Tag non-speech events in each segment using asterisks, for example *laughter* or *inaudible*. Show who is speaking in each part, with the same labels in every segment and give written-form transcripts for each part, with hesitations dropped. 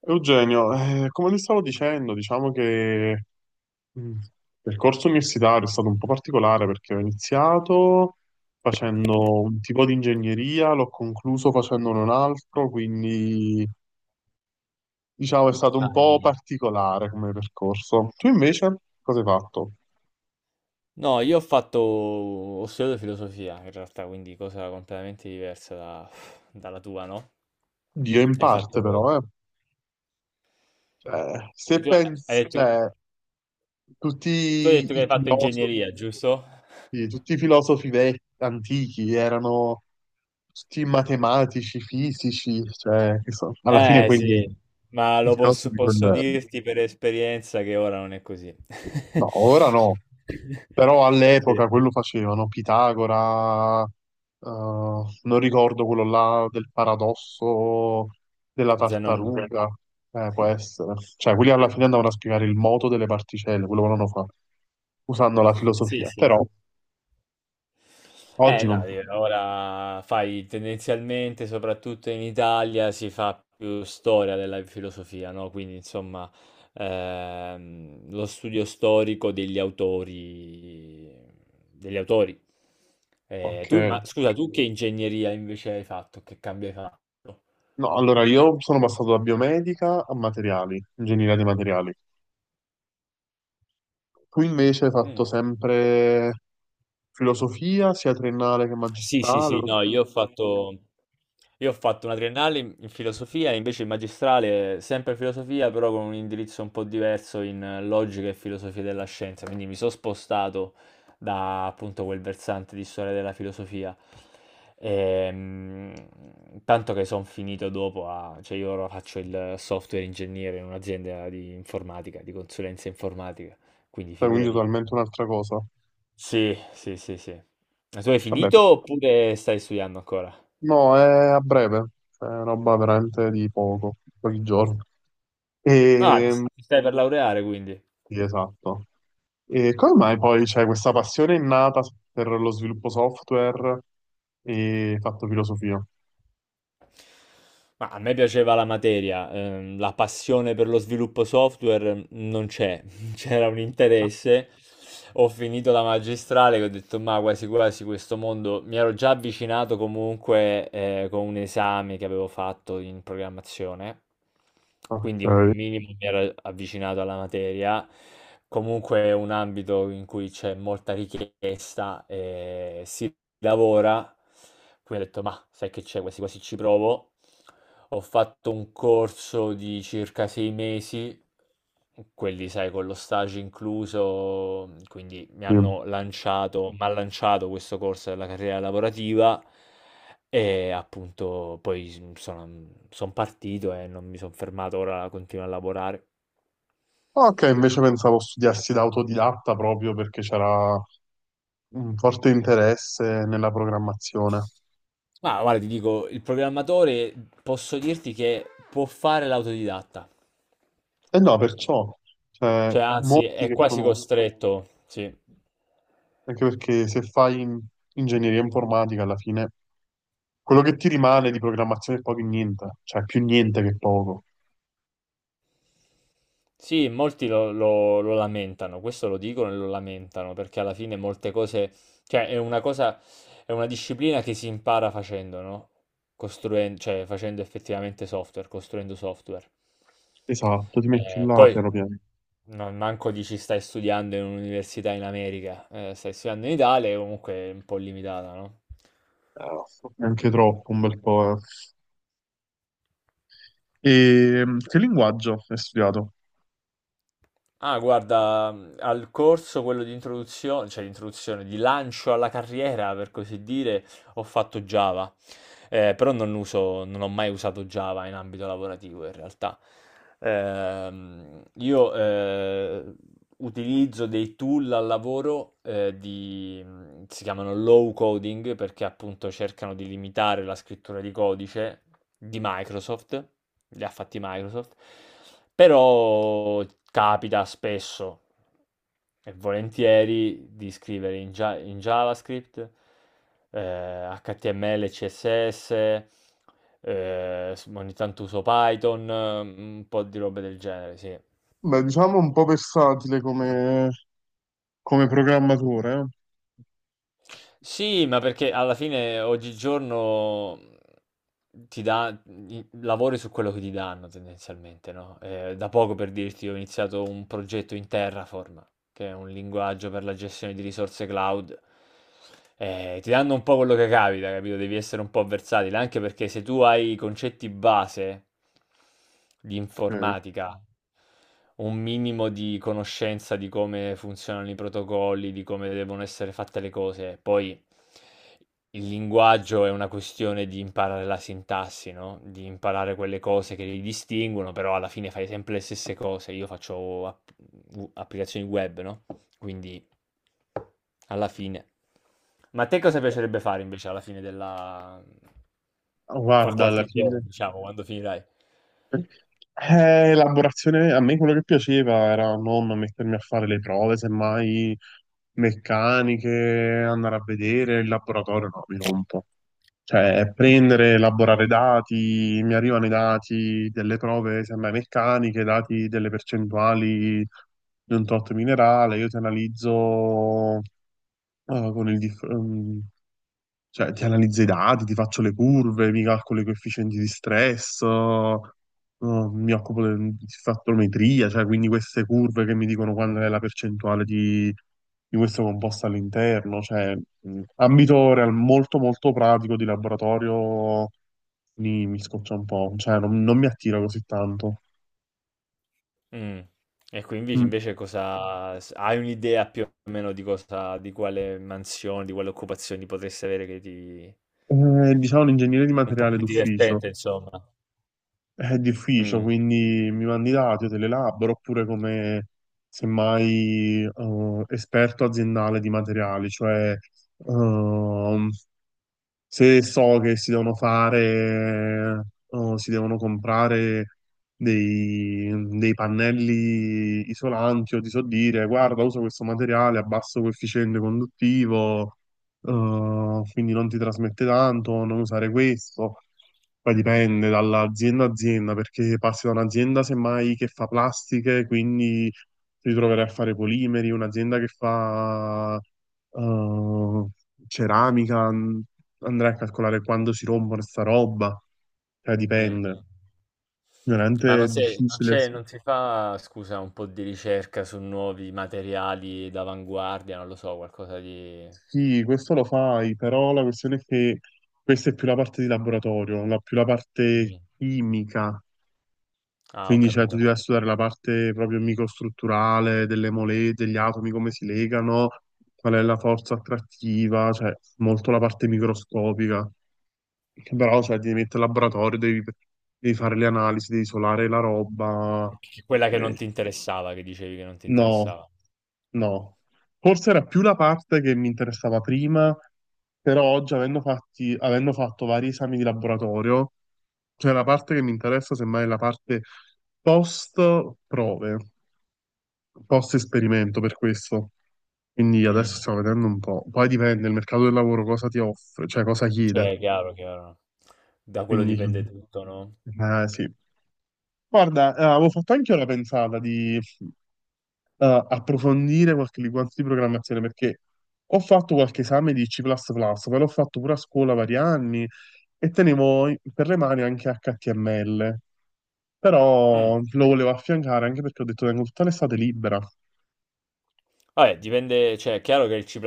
Speaker 1: Eugenio, come ti stavo dicendo, diciamo che il percorso universitario è stato un po' particolare perché ho iniziato facendo un tipo di ingegneria, l'ho concluso facendone un altro, quindi diciamo è stato un po'
Speaker 2: Dai.
Speaker 1: particolare come percorso. Tu invece cosa hai fatto?
Speaker 2: No, io ho fatto, ho studiato filosofia in realtà, quindi cosa completamente diversa dalla tua, no?
Speaker 1: Dio in
Speaker 2: Hai fatto,
Speaker 1: parte però, eh. Cioè,
Speaker 2: se
Speaker 1: se
Speaker 2: tu, hai
Speaker 1: pensi,
Speaker 2: detto,
Speaker 1: cioè, tutti
Speaker 2: Tu hai detto che
Speaker 1: i
Speaker 2: hai fatto
Speaker 1: filosofi.
Speaker 2: ingegneria, giusto?
Speaker 1: Sì, tutti i filosofi vecchi, antichi erano tutti matematici, fisici, cioè, che alla fine
Speaker 2: Eh
Speaker 1: quelli
Speaker 2: sì,
Speaker 1: erano
Speaker 2: ma
Speaker 1: i filosofi,
Speaker 2: posso
Speaker 1: quel...
Speaker 2: dirti per esperienza che ora non è così.
Speaker 1: No, ora no,
Speaker 2: *laughs*
Speaker 1: però
Speaker 2: Sì.
Speaker 1: all'epoca quello facevano, Pitagora, non ricordo quello là del paradosso della
Speaker 2: Zanone.
Speaker 1: tartaruga, può essere, cioè quelli alla fine andavano a spiegare il moto delle particelle, quello volevano fare, usando la
Speaker 2: Sì,
Speaker 1: filosofia,
Speaker 2: sì.
Speaker 1: però oggi
Speaker 2: Eh
Speaker 1: non
Speaker 2: no,
Speaker 1: più.
Speaker 2: di ora fai tendenzialmente, soprattutto in Italia, si fa più storia della filosofia, no? Quindi insomma lo studio storico degli autori.
Speaker 1: Ok.
Speaker 2: Ma scusa, tu che ingegneria invece hai fatto? Che cambio hai fatto?
Speaker 1: No, allora io sono passato da biomedica a materiali, ingegneria dei materiali. Tu invece hai fatto
Speaker 2: Mm.
Speaker 1: sempre filosofia, sia triennale che
Speaker 2: Sì, sì,
Speaker 1: magistrale,
Speaker 2: sì, no, io ho fatto una triennale in filosofia, invece il magistrale sempre filosofia, però con un indirizzo un po' diverso in logica e filosofia della scienza, quindi mi sono spostato da appunto quel versante di storia della filosofia. Ehm, Tanto che sono finito dopo cioè io ora faccio il software ingegnere in un'azienda di informatica, di consulenza informatica, quindi
Speaker 1: cioè, quindi
Speaker 2: figurati,
Speaker 1: totalmente un'altra cosa.
Speaker 2: sì, sì, sì, sì. Ma tu hai
Speaker 1: Vabbè,
Speaker 2: finito oppure stai studiando ancora?
Speaker 1: no, è a breve, cioè, è roba veramente di poco, pochi giorni.
Speaker 2: Ah, ti
Speaker 1: E...
Speaker 2: ti stai per laureare quindi.
Speaker 1: Sì, esatto. E come mai poi c'è questa passione innata per lo sviluppo software e hai fatto filosofia?
Speaker 2: Ma a me piaceva la materia, la passione per lo sviluppo software non c'è, *laughs* c'era un interesse. Ho finito la magistrale che ho detto, ma quasi quasi questo mondo mi ero già avvicinato comunque con un esame che avevo fatto in programmazione, quindi un
Speaker 1: Ok,
Speaker 2: minimo mi ero avvicinato alla materia. Comunque è un ambito in cui c'è molta richiesta e si lavora. Quindi ho detto, ma sai che c'è, quasi quasi ci provo. Ho fatto un corso di circa sei mesi quelli sai con lo stage incluso, quindi mi
Speaker 1: sì.
Speaker 2: hanno lanciato m'ha Mh-mh. Lanciato questo corso della carriera lavorativa e appunto poi son partito e non mi son fermato, ora continuo a lavorare.
Speaker 1: Ok, invece pensavo studiassi da autodidatta proprio perché c'era un forte interesse nella programmazione.
Speaker 2: Ma guarda ti dico, il programmatore posso dirti che può fare l'autodidatta.
Speaker 1: E no, perciò, cioè,
Speaker 2: Cioè, ah, anzi
Speaker 1: molti
Speaker 2: è
Speaker 1: che
Speaker 2: quasi addirittura
Speaker 1: conosco,
Speaker 2: costretto, sì.
Speaker 1: anche perché se fai ingegneria informatica alla fine, quello che ti rimane di programmazione è poco e niente, cioè più niente che poco.
Speaker 2: Sì, molti lo lamentano, questo lo dicono e lo lamentano, perché alla fine molte cose, cioè è una cosa, è una disciplina che si impara facendo, no? Costruendo, cioè facendo effettivamente software, costruendo software.
Speaker 1: Esatto, ti metti là
Speaker 2: Poi
Speaker 1: piano piano.
Speaker 2: non manco dici stai studiando in un'università in America, stai studiando in Italia, e comunque è un po' limitata, no?
Speaker 1: Eh, Anche troppo, un bel po'. Eh. E che linguaggio hai studiato?
Speaker 2: Ah, guarda, al corso quello di introduzione, cioè di introduzione, di lancio alla carriera, per così dire, ho fatto Java, però non ho mai usato Java in ambito lavorativo in realtà. Io utilizzo dei tool al lavoro si chiamano low coding perché appunto cercano di limitare la scrittura di codice di Microsoft, li ha fatti Microsoft, però capita spesso e volentieri di scrivere in JavaScript, HTML, CSS, ogni tanto uso Python, un po' di robe del genere, sì.
Speaker 1: Beh, diciamo un po' versatile come programmatore, eh?
Speaker 2: Sì, ma perché alla fine oggigiorno ti dà i lavori su quello che ti danno tendenzialmente, no, da poco per dirti ho iniziato un progetto in Terraform, che è un linguaggio per la gestione di risorse cloud. Ti danno un po' quello che capita, capito? Devi essere un po' versatile, anche perché se tu hai i concetti base di
Speaker 1: Ok.
Speaker 2: informatica, un minimo di conoscenza di come funzionano i protocolli, di come devono essere fatte le cose, poi il linguaggio è una questione di imparare la sintassi, no, di imparare quelle cose che li distinguono, però alla fine fai sempre le stesse cose. Io faccio applicazioni web, no, quindi alla fine. Ma a te cosa piacerebbe fare invece alla fine della fra
Speaker 1: Guarda, alla
Speaker 2: qualche giorno,
Speaker 1: fine,
Speaker 2: diciamo, quando finirai?
Speaker 1: elaborazione, a me quello che piaceva era non mettermi a fare le prove, semmai meccaniche, andare a vedere il laboratorio, no, mi rompo. Cioè, prendere, elaborare dati, mi arrivano i dati delle prove, semmai meccaniche, dati delle percentuali di un tot minerale, io ti analizzo con il, cioè, ti analizzo i dati, ti faccio le curve, mi calcolo i coefficienti di stress, mi occupo di fattometria, cioè quindi queste curve che mi dicono qual è la percentuale di questo composto all'interno, cioè ambito molto molto pratico di laboratorio mi, mi scoccia un po', cioè non, non mi attira così tanto.
Speaker 2: Mm. E quindi
Speaker 1: Mm.
Speaker 2: invece hai un'idea più o meno di cosa, di quale mansione, di quale occupazione potresti avere che ti.
Speaker 1: Diciamo un ingegnere di
Speaker 2: Un po' più,
Speaker 1: materiale
Speaker 2: capito?
Speaker 1: d'ufficio.
Speaker 2: Divertente, insomma.
Speaker 1: È d'ufficio,
Speaker 2: Mh,
Speaker 1: quindi mi mandi i dati, io te li elaboro, oppure come semmai esperto aziendale di materiali, cioè ehm, se so che si devono fare o si devono comprare dei, dei pannelli isolanti o ti so dire, guarda, uso questo materiale a basso coefficiente conduttivo, quindi non ti trasmette tanto, non usare questo. Poi dipende dall'azienda a azienda, perché passi da un'azienda semmai che fa plastiche, quindi ti troverai a fare polimeri, un'azienda che fa eh, ceramica, andrai a calcolare quando si rompono sta roba, cioè
Speaker 2: mh,
Speaker 1: dipende.
Speaker 2: mh. Ma
Speaker 1: Veramente
Speaker 2: non
Speaker 1: è
Speaker 2: sei non
Speaker 1: difficile.
Speaker 2: c'è non si fa, scusa, un po' di ricerca su nuovi materiali d'avanguardia, non lo so, qualcosa di
Speaker 1: Sì, questo lo fai, però la questione è che questa è più la parte di laboratorio, la, più la parte
Speaker 2: mh-mh.
Speaker 1: chimica.
Speaker 2: Ah, ho
Speaker 1: Quindi cioè, tu
Speaker 2: capito.
Speaker 1: devi studiare la parte proprio microstrutturale delle mole, degli atomi, come si legano, qual è la forza attrattiva, cioè molto la parte microscopica. Che però cioè, ti devi mettere al laboratorio, devi, devi fare le analisi, devi isolare la roba.
Speaker 2: C Quella che non
Speaker 1: Eh.
Speaker 2: ti interessava, che dicevi che non ti
Speaker 1: No,
Speaker 2: interessava.
Speaker 1: no. Forse era più la parte che mi interessava prima, però oggi, avendo fatto vari esami di laboratorio, cioè la parte che mi interessa semmai è la parte post prove, post esperimento per questo. Quindi adesso
Speaker 2: Mh,
Speaker 1: stiamo vedendo un po'. Poi dipende, il mercato del lavoro cosa ti offre, cioè cosa
Speaker 2: cioè
Speaker 1: chiede.
Speaker 2: è chiaro, chiaro. Da quello
Speaker 1: Quindi,
Speaker 2: dipende
Speaker 1: *laughs*
Speaker 2: tutto, no?
Speaker 1: sì. Guarda, avevo fatto anche io la pensata di approfondire qualche linguaggio di programmazione perché ho fatto qualche esame di C++, ma l'ho fatto pure a scuola vari anni e tenevo per le mani anche HTML,
Speaker 2: Mh.
Speaker 1: però lo volevo affiancare anche perché ho detto tengo tutta l'estate libera.
Speaker 2: Vabbè, dipende, cioè è chiaro che il C++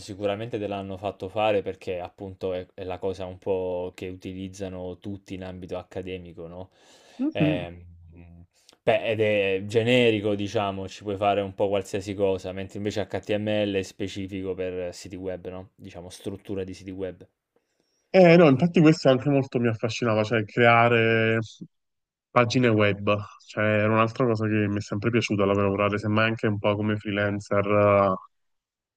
Speaker 2: sicuramente te l'hanno fatto fare perché appunto è la cosa un po' che utilizzano tutti in ambito accademico, no?
Speaker 1: Mhm.
Speaker 2: Ehm, Beh, ed è generico, diciamo, ci puoi fare un po' qualsiasi cosa, mentre invece HTML è specifico per siti web, no? Diciamo, struttura di siti web.
Speaker 1: No, infatti questo anche molto mi affascinava, cioè creare pagine web, cioè era un'altra cosa che mi è sempre piaciuta da lavorare, semmai anche un po' come freelancer,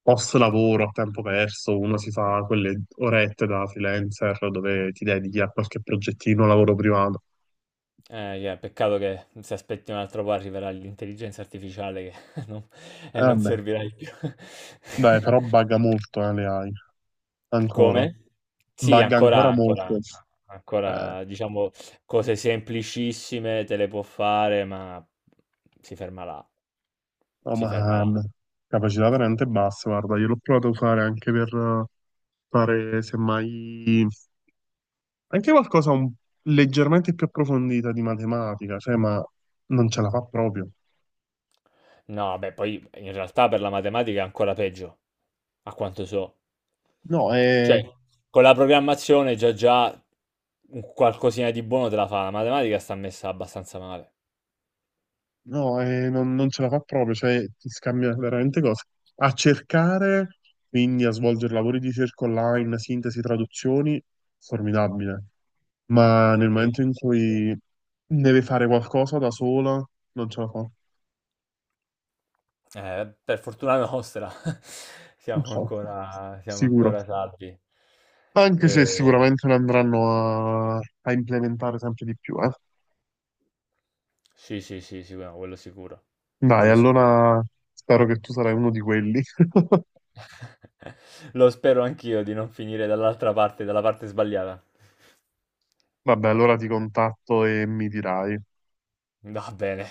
Speaker 1: post lavoro a tempo perso, uno si fa quelle orette da freelancer dove ti dedichi a qualche progettino, lavoro privato.
Speaker 2: Yeah, peccato che se aspetti un altro po' arriverà l'intelligenza artificiale che *laughs* non, e non
Speaker 1: Vabbè,
Speaker 2: servirai più.
Speaker 1: dai, però
Speaker 2: *laughs*
Speaker 1: bugga molto le AI, ancora,
Speaker 2: Come? Sì,
Speaker 1: bugga
Speaker 2: ancora
Speaker 1: ancora molto.
Speaker 2: ancora
Speaker 1: Eh,
Speaker 2: ancora diciamo cose semplicissime te le può fare, ma si ferma là.
Speaker 1: no,
Speaker 2: Si ferma
Speaker 1: ma
Speaker 2: là.
Speaker 1: capacità veramente bassa, guarda, io l'ho provato a usare anche per... fare semmai anche leggermente più approfondita di matematica, cioè, ma non ce la fa proprio.
Speaker 2: No, beh, poi in realtà per la matematica è ancora peggio, a quanto so.
Speaker 1: No,
Speaker 2: Cioè, con la programmazione già un qualcosina di buono te la fa, la matematica sta messa abbastanza male.
Speaker 1: no, non, non ce la fa proprio, cioè ti scambia veramente cose. A cercare, quindi a svolgere lavori di ricerca online, sintesi, traduzioni, formidabile. Ma nel
Speaker 2: Sì.
Speaker 1: momento in
Speaker 2: Sì.
Speaker 1: cui deve fare qualcosa da sola, non ce la fa.
Speaker 2: Per fortuna nostra *laughs* siamo
Speaker 1: No,
Speaker 2: ancora siamo
Speaker 1: sicuro.
Speaker 2: ancora salvi.
Speaker 1: Anche se
Speaker 2: E
Speaker 1: sicuramente ne andranno a implementare sempre di più, eh.
Speaker 2: sì, sì, sì, sì, no, quello sicuro.
Speaker 1: Dai,
Speaker 2: Quello sicuro.
Speaker 1: allora spero che tu sarai uno di quelli.
Speaker 2: *laughs* Lo spero anch'io di non finire dall'altra parte, dalla parte sbagliata.
Speaker 1: *laughs* Vabbè, allora ti contatto e mi dirai.
Speaker 2: Va bene.